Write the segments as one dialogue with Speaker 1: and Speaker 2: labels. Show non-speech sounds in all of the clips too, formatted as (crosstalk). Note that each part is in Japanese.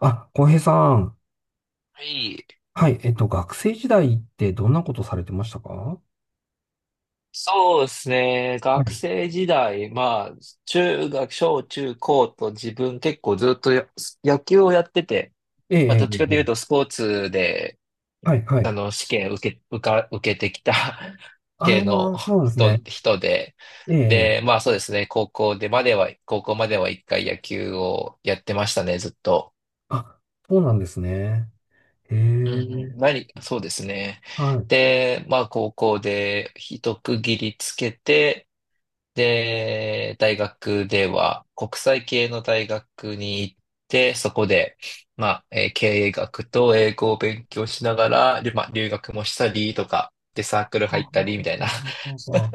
Speaker 1: あ、浩平さん。
Speaker 2: はい。
Speaker 1: はい。学生時代ってどんなことされてましたか？は
Speaker 2: そうですね。学
Speaker 1: い。
Speaker 2: 生時代、まあ、中学、小中高と自分結構ずっと野球をやってて、
Speaker 1: ええ、え
Speaker 2: まあ、
Speaker 1: え、
Speaker 2: どっちかと
Speaker 1: え
Speaker 2: いう
Speaker 1: え、
Speaker 2: とスポーツで、
Speaker 1: はい、はい。
Speaker 2: 試験受け、受か、受けてきた (laughs) 系
Speaker 1: あ
Speaker 2: の
Speaker 1: あ、そうなんですね。
Speaker 2: 人で、
Speaker 1: ええ、え
Speaker 2: で、
Speaker 1: え、
Speaker 2: まあそうですね。高校までは一回野球をやってましたね、ずっと。
Speaker 1: あ、そうなんですね。へ
Speaker 2: うんうん。
Speaker 1: え、
Speaker 2: そうですね。
Speaker 1: はい。
Speaker 2: で、まあ高校で一区切りつけて、で、大学では国際系の大学に行って、そこで、まあ、経営学と英語を勉強しながら、まあ、留学もしたりとか、で、サー
Speaker 1: はは
Speaker 2: クル入った
Speaker 1: は
Speaker 2: りみたいな (laughs)
Speaker 1: ははは。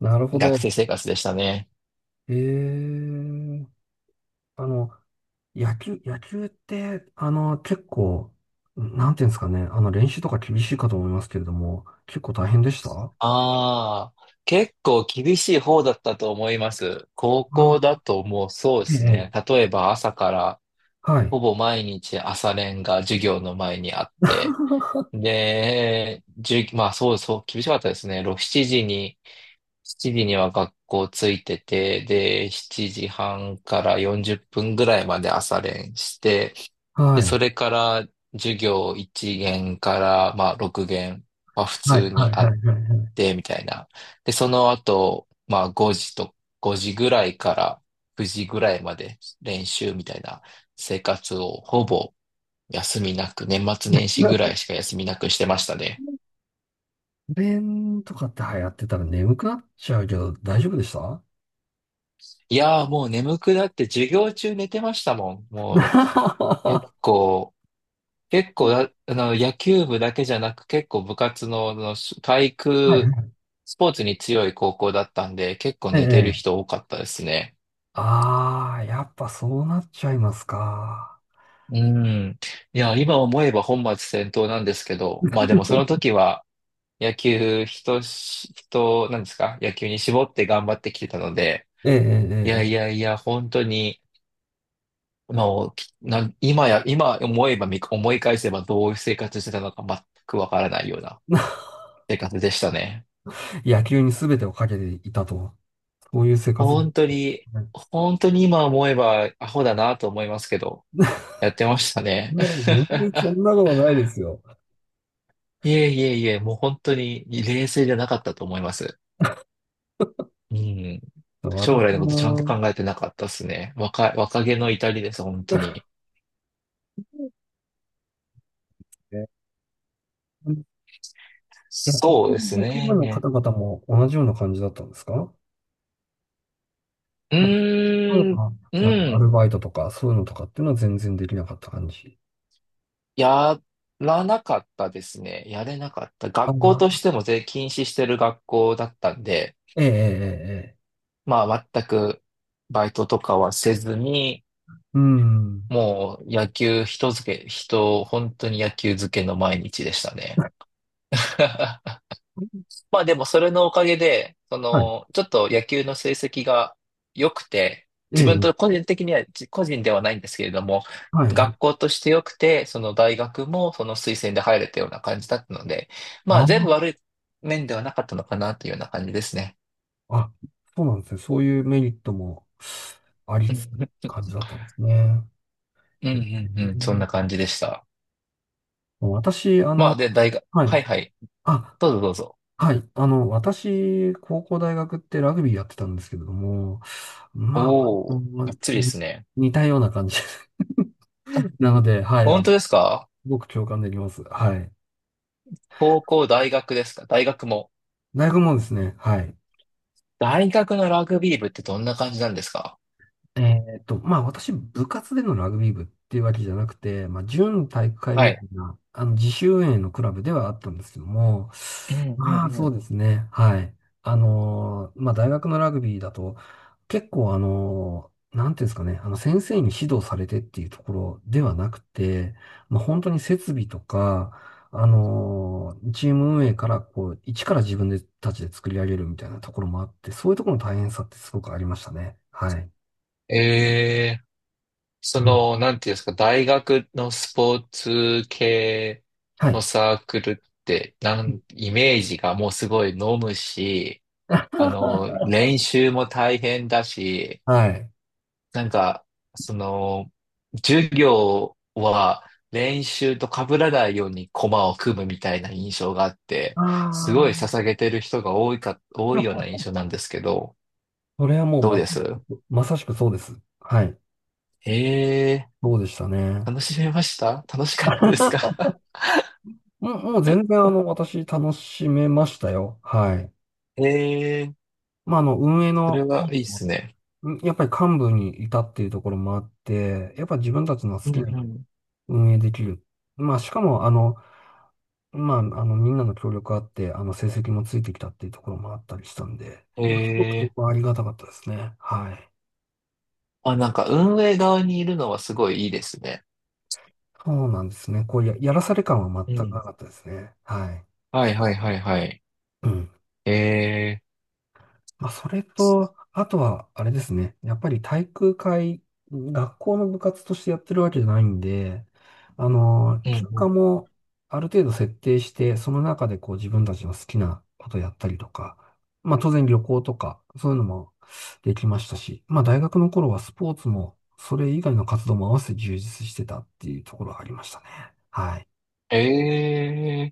Speaker 1: なるほ
Speaker 2: 学
Speaker 1: ど。
Speaker 2: 生生活でしたね。
Speaker 1: ええ、あの、野球、野球って、結構、なんていうんですかね。練習とか厳しいかと思いますけれども、結構大変でした？あ
Speaker 2: ああ、結構厳しい方だったと思います。高校だ
Speaker 1: あ、
Speaker 2: ともうそうで
Speaker 1: え
Speaker 2: す
Speaker 1: え、え
Speaker 2: ね。
Speaker 1: え、
Speaker 2: 例えば朝から
Speaker 1: はい。
Speaker 2: ほぼ毎日朝練が授業の前にあって、で、じゅう、まあそうそう、厳しかったですね。6、7時に、7時には学校ついてて、で、7時半から40分ぐらいまで朝練して、で、
Speaker 1: はい。
Speaker 2: それから授業1限から、まあ6限は普
Speaker 1: はい、
Speaker 2: 通に
Speaker 1: はい、
Speaker 2: あ
Speaker 1: は
Speaker 2: っ
Speaker 1: い、はい。はい。
Speaker 2: て、みたいな。で、その後、まあ5時ぐらいから9時ぐらいまで練習みたいな生活をほぼ休みなく、年末年始ぐらいしか休みなくしてましたね。
Speaker 1: 弁とかって流行ってたら眠くなっちゃうけど、大丈夫でした？ (laughs)
Speaker 2: いやーもう眠くなって授業中寝てましたもん。
Speaker 1: は
Speaker 2: もう結構、結構だ、あの、野球部だけじゃなく結構部活の、体育、
Speaker 1: い。
Speaker 2: スポーツに強い高校だったんで、結構
Speaker 1: え
Speaker 2: 寝てる
Speaker 1: え。
Speaker 2: 人多かったですね。
Speaker 1: ああ、やっぱそうなっちゃいますか。
Speaker 2: うん。いや、今思えば本末転倒なんですけど、まあでもその時は野球、人し、人、なんですか野球に絞って頑張ってきてたので、
Speaker 1: え
Speaker 2: い
Speaker 1: え、
Speaker 2: や
Speaker 1: え
Speaker 2: いやいや、本当に、まあ、きな、今や、今思えば見、思い返せばどういう生活してたのか全くわからないような
Speaker 1: え、ええ。(laughs)
Speaker 2: 生活でしたね。
Speaker 1: 野球に全てをかけていたと。そういう生活。ね
Speaker 2: 本当に、本当に今思えばアホだなと思いますけど、やってました
Speaker 1: え、
Speaker 2: ね。
Speaker 1: 全然そ
Speaker 2: (laughs)
Speaker 1: んなことないですよ。
Speaker 2: いえいえいえ、もう本当に冷静じゃなかったと思います。うん。将
Speaker 1: 私
Speaker 2: 来のことちゃんと
Speaker 1: も、
Speaker 2: 考えてなかったですね。若気の至りです、本当に。
Speaker 1: ええ、いや、
Speaker 2: そ
Speaker 1: 他
Speaker 2: うで
Speaker 1: に
Speaker 2: す
Speaker 1: 野球部の
Speaker 2: ね。
Speaker 1: 方々も同じような感じだったんですか？
Speaker 2: う
Speaker 1: まあ、例え
Speaker 2: ーん、
Speaker 1: ば、
Speaker 2: う
Speaker 1: なんかアル
Speaker 2: ん。
Speaker 1: バイトとか、そういうのとかっていうのは全然できなかった感じ。
Speaker 2: やらなかったですね。やれなかった。
Speaker 1: あ
Speaker 2: 学校と
Speaker 1: あ、
Speaker 2: しても全禁止してる学校だったんで、
Speaker 1: ええ、ええ、ええ。
Speaker 2: まあ全くバイトとかはせずに、
Speaker 1: うん。
Speaker 2: もう野球人付け、人、本当に野球漬けの毎日でしたね。(laughs) まあでもそれのおかげで、
Speaker 1: はい。
Speaker 2: ちょっと野球の成績が良くて、
Speaker 1: え
Speaker 2: 自分
Speaker 1: え、
Speaker 2: と個人的には、個人ではないんですけれども、
Speaker 1: はい、はい。
Speaker 2: 学校として良くて、その大学もその推薦で入れたような感じだったので、まあ全
Speaker 1: あ
Speaker 2: 部悪い面ではなかったのかなというような感じですね。
Speaker 1: あ、あ、そうなんですね。そういうメリットもあり
Speaker 2: う
Speaker 1: つつ
Speaker 2: ん
Speaker 1: 感じだったんですね。
Speaker 2: う
Speaker 1: え
Speaker 2: ん
Speaker 1: え、
Speaker 2: うんうん、そんな感じでした。
Speaker 1: 私、
Speaker 2: まあで、大学、
Speaker 1: はい。
Speaker 2: はいはい、
Speaker 1: あ、
Speaker 2: どうぞどうぞ。
Speaker 1: はい。私、高校大学ってラグビーやってたんですけれども、まあ、
Speaker 2: おー、
Speaker 1: まあ
Speaker 2: が
Speaker 1: の
Speaker 2: っつりで
Speaker 1: に
Speaker 2: すね。
Speaker 1: 似たような感じ。 (laughs)。
Speaker 2: あ、
Speaker 1: なので、はい。あ、
Speaker 2: 本当ですか？
Speaker 1: すごく共感できます。はい。
Speaker 2: 高校、大学ですか？大学も？
Speaker 1: 大学もですね、はい。
Speaker 2: 大学のラグビー部ってどんな感じなんですか？
Speaker 1: まあ私、部活でのラグビー部っていうわけじゃなくて、まあ準体育会
Speaker 2: は
Speaker 1: み
Speaker 2: い。
Speaker 1: たいな、自主運営のクラブではあったんですけども、
Speaker 2: うんう
Speaker 1: まあ
Speaker 2: んう
Speaker 1: そ
Speaker 2: ん。
Speaker 1: うですね、はい。まあ大学のラグビーだと、結構なんていうんですかね、あの先生に指導されてっていうところではなくて、まあ本当に設備とか、チーム運営からこう、一から自分でたちで作り上げるみたいなところもあって、そういうところの大変さってすごくありましたね。はい。
Speaker 2: ええ、そ
Speaker 1: うん、
Speaker 2: の、なんていうんですか、大学のスポーツ系
Speaker 1: は
Speaker 2: の
Speaker 1: い。
Speaker 2: サークルって、
Speaker 1: (laughs)
Speaker 2: イメージがもうすごい飲むし、練習も大変だし、
Speaker 1: はい。
Speaker 2: なんか、その、授業は練習と被らないように駒を組むみたいな印象があって、す
Speaker 1: あ
Speaker 2: ごい
Speaker 1: あ、
Speaker 2: 捧げてる人が多
Speaker 1: で
Speaker 2: いような
Speaker 1: も
Speaker 2: 印象なんですけど、
Speaker 1: それはもう
Speaker 2: どう
Speaker 1: ま、
Speaker 2: です？
Speaker 1: まさしくそうです。はい。
Speaker 2: ええ
Speaker 1: そうでした
Speaker 2: ー、
Speaker 1: ね。
Speaker 2: 楽しかったですか？
Speaker 1: (laughs) もう、もう全然私楽しめましたよ。はい。
Speaker 2: (laughs) ええー、
Speaker 1: まあ、あの、運営
Speaker 2: それ
Speaker 1: の、
Speaker 2: はいいっすね。
Speaker 1: うん、やっぱり幹部にいたっていうところもあって、やっぱ自分たちの好
Speaker 2: うん
Speaker 1: き
Speaker 2: う
Speaker 1: なように
Speaker 2: ん。
Speaker 1: 運営できる。まあ、しかも、みんなの協力あって、成績もついてきたっていうところもあったりしたんで、
Speaker 2: え
Speaker 1: まあすごくそ
Speaker 2: え
Speaker 1: こはありがたかったですね。はい。
Speaker 2: ー、あ、なんか運営側にいるのはすごいいいですね。
Speaker 1: そうなんですね。やらされ感は
Speaker 2: う
Speaker 1: 全くな
Speaker 2: ん。
Speaker 1: かったですね。はい。
Speaker 2: はいはいはいはい。
Speaker 1: うん。
Speaker 2: ええ
Speaker 1: まあ、それと、あとは、あれですね。やっぱり体育会、学校の部活としてやってるわけじゃないんで、
Speaker 2: ー、
Speaker 1: 休
Speaker 2: うんう
Speaker 1: 暇
Speaker 2: ん。
Speaker 1: もある程度設定して、その中でこう自分たちの好きなことやったりとか、まあ当然旅行とか、そういうのもできましたし、まあ大学の頃はスポーツも、それ以外の活動も合わせて充実してたっていうところがありましたね。はい。
Speaker 2: ええー、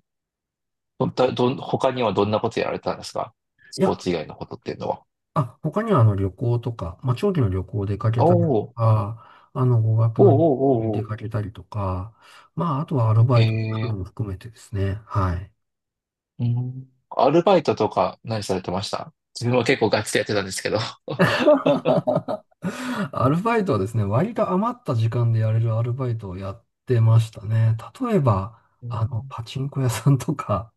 Speaker 2: どんとどん、他にはどんなことやられたんですか？ス
Speaker 1: い
Speaker 2: ポ
Speaker 1: や、
Speaker 2: ーツ以外のことっていうのは。
Speaker 1: あ、他にはあの旅行とか、まあ、長期の旅行出かけ
Speaker 2: お
Speaker 1: たりと
Speaker 2: ー
Speaker 1: か、あの語学
Speaker 2: おー
Speaker 1: の
Speaker 2: お
Speaker 1: 旅行に
Speaker 2: ーお
Speaker 1: 出
Speaker 2: ー
Speaker 1: か
Speaker 2: お
Speaker 1: けたりとか、まあ、あとはアル
Speaker 2: ー
Speaker 1: バイトなども含めてですね。はい。
Speaker 2: うん。アルバイトとか何されてました？自分は結構ガチでやってたんですけど。(laughs)
Speaker 1: (laughs) アルバイトはですね、割と余った時間でやれるアルバイトをやってましたね。例えば、
Speaker 2: うん
Speaker 1: パチンコ屋さんとか、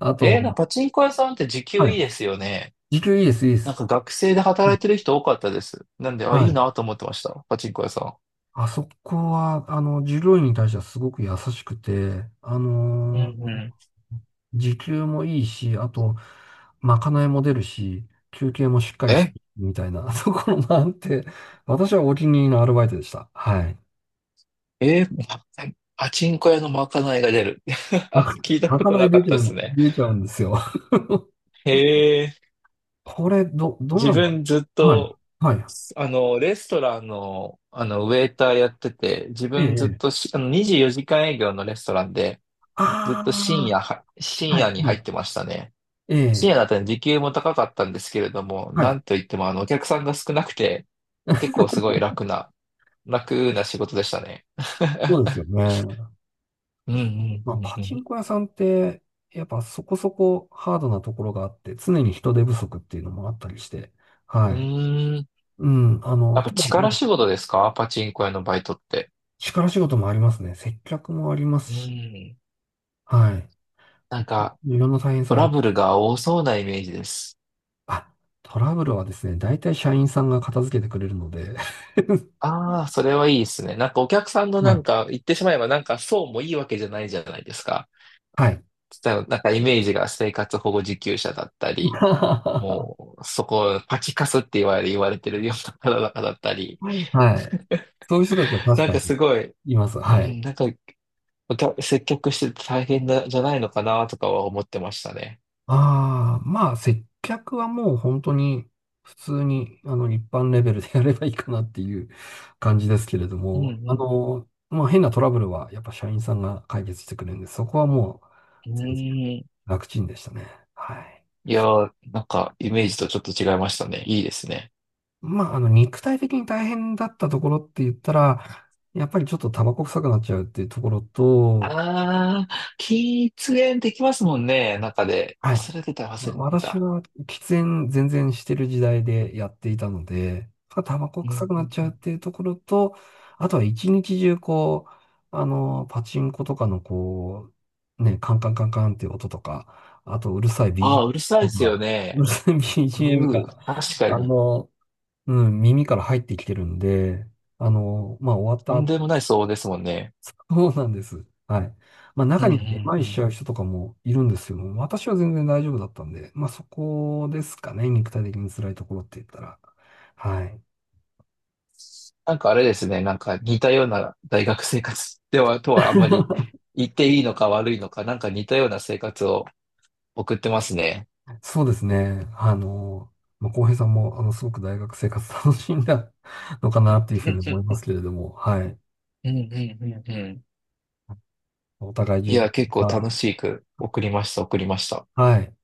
Speaker 1: あと、
Speaker 2: パチンコ屋さんって時給
Speaker 1: はい。
Speaker 2: いいですよね。
Speaker 1: 時給いいです、いいで
Speaker 2: なん
Speaker 1: す。
Speaker 2: か学生で働いてる人多かったです。なんで、あ、い
Speaker 1: は
Speaker 2: い
Speaker 1: い。
Speaker 2: なと思ってました。パチンコ屋さ
Speaker 1: あそこは、従業員に対してはすごく優しくて、
Speaker 2: ん。うんうん。
Speaker 1: 時給もいいし、あと、まかないも出るし、休憩もしっかりし
Speaker 2: え
Speaker 1: て、みたいな (laughs) ところもあって、私はお気に入りのアルバイトでした。はい。
Speaker 2: えー、ま、 (laughs) パチンコ屋のまかないが出る？
Speaker 1: まか、
Speaker 2: (laughs) 聞いた
Speaker 1: ま
Speaker 2: こ
Speaker 1: か
Speaker 2: と
Speaker 1: な
Speaker 2: な
Speaker 1: い
Speaker 2: かっ
Speaker 1: 出
Speaker 2: た
Speaker 1: ちゃ
Speaker 2: です
Speaker 1: う、
Speaker 2: ね。
Speaker 1: 出ちゃうんですよ。
Speaker 2: へえ。
Speaker 1: これ、ど、どん
Speaker 2: 自
Speaker 1: なのか
Speaker 2: 分ずっ
Speaker 1: な。はい。
Speaker 2: と、
Speaker 1: はい。
Speaker 2: レストランの、ウェイターやってて、自
Speaker 1: え
Speaker 2: 分ずっ
Speaker 1: え。
Speaker 2: と
Speaker 1: ええ、
Speaker 2: し、あの、24時間営業のレストランで、ずっ
Speaker 1: あ
Speaker 2: と
Speaker 1: あ、
Speaker 2: 深
Speaker 1: は
Speaker 2: 夜
Speaker 1: い。
Speaker 2: に
Speaker 1: は
Speaker 2: 入っ
Speaker 1: い。
Speaker 2: てましたね。
Speaker 1: え
Speaker 2: 深夜
Speaker 1: え。
Speaker 2: だったら時給も高かったんですけれども、
Speaker 1: は
Speaker 2: なん
Speaker 1: い。
Speaker 2: といっても、お客さんが少なくて、結構すごい楽な仕事でしたね。
Speaker 1: そう
Speaker 2: (laughs)
Speaker 1: ですよね。
Speaker 2: うんう
Speaker 1: まあ、
Speaker 2: ん
Speaker 1: パ
Speaker 2: う
Speaker 1: チン
Speaker 2: ん
Speaker 1: コ屋さんって、やっぱそこそこハードなところがあって、常に人手不足っていうのもあったりして、は
Speaker 2: うん。
Speaker 1: い。
Speaker 2: うーん。
Speaker 1: うん、
Speaker 2: やっぱ
Speaker 1: ただ、ま
Speaker 2: 力
Speaker 1: あ
Speaker 2: 仕事ですか？パチンコ屋のバイトって。
Speaker 1: 力仕事もありますね。接客もありま
Speaker 2: う
Speaker 1: すし、
Speaker 2: ん。
Speaker 1: はい。
Speaker 2: なんか、
Speaker 1: いろんな大変
Speaker 2: ト
Speaker 1: さあ
Speaker 2: ラ
Speaker 1: り、
Speaker 2: ブルが多そうなイメージです。
Speaker 1: あ、トラブルはですね、大体社員さんが片付けてくれるので、(laughs)
Speaker 2: ああ、それはいいですね。なんかお客さんの
Speaker 1: は
Speaker 2: なん
Speaker 1: い。
Speaker 2: か言ってしまえばなんかそうもいいわけじゃないじゃないですか。
Speaker 1: はい。
Speaker 2: 例えばなんかイメージが生活保護受給者だったり、
Speaker 1: (laughs)
Speaker 2: もうそこパチカスって言われてるような方々だったり、
Speaker 1: はい。そういう人たちは確
Speaker 2: なん
Speaker 1: か
Speaker 2: か
Speaker 1: に
Speaker 2: すごい、
Speaker 1: います。
Speaker 2: う
Speaker 1: はい。
Speaker 2: ん、なんかお客接客してて大変だ、じゃないのかなとかは思ってましたね。
Speaker 1: ああ、まあ、接客はもう本当に普通に、一般レベルでやればいいかなっていう感じですけれど
Speaker 2: う
Speaker 1: も、
Speaker 2: ん
Speaker 1: まあ、変なトラブルはやっぱ社員さんが解決してくれるんで、そこはもう
Speaker 2: うん。う
Speaker 1: 全然
Speaker 2: ん。
Speaker 1: 楽ちんでしたね。はい。
Speaker 2: いやー、なんかイメージとちょっと違いましたね。いいですね。
Speaker 1: まあ、肉体的に大変だったところって言ったら、やっぱりちょっとタバコ臭くなっちゃうっていうところと、
Speaker 2: ああ、喫煙できますもんね、中で。
Speaker 1: はい。
Speaker 2: 忘れてた、
Speaker 1: まあ
Speaker 2: 忘れて
Speaker 1: 私
Speaker 2: た。
Speaker 1: は喫煙全然してる時代でやっていたので、まあタバコ
Speaker 2: うんうん
Speaker 1: 臭くなっちゃ
Speaker 2: う
Speaker 1: うっ
Speaker 2: ん、
Speaker 1: ていうところと、あとは一日中こう、パチンコとかのこう、ね、カンカンカンカンっていう音とか、あとうるさいビージ
Speaker 2: あ
Speaker 1: m
Speaker 2: あ、うるさいで
Speaker 1: と
Speaker 2: すよ
Speaker 1: か、うる
Speaker 2: ね。
Speaker 1: さいビー g ムが、
Speaker 2: 確か
Speaker 1: あ
Speaker 2: に。
Speaker 1: の、うん、耳から入ってきてるんで、まあ終
Speaker 2: と
Speaker 1: わ
Speaker 2: ん
Speaker 1: った
Speaker 2: でもない騒音ですもんね。
Speaker 1: そうなんです。はい。まあ
Speaker 2: うん
Speaker 1: 中
Speaker 2: う
Speaker 1: にはめま
Speaker 2: ん
Speaker 1: い
Speaker 2: う
Speaker 1: しち
Speaker 2: ん。
Speaker 1: ゃう人とかもいるんですけども、私は全然大丈夫だったんで、まあそこですかね、肉体的に辛いところって言ったら。はい。
Speaker 2: なんかあれですね、なんか似たような大学生活とはあんまり
Speaker 1: (laughs)
Speaker 2: 言っていいのか悪いのか、なんか似たような生活を送ってますね。
Speaker 1: そうですね。まあ、浩平さんも、すごく大学生活楽しんだのかなっていうふ
Speaker 2: う
Speaker 1: うに思いま
Speaker 2: ん
Speaker 1: すけれども、はい。
Speaker 2: うんうんうん。
Speaker 1: お互い
Speaker 2: い
Speaker 1: 充実
Speaker 2: や、
Speaker 1: し
Speaker 2: 結構楽
Speaker 1: た、
Speaker 2: しく送りました、送りました。
Speaker 1: はい。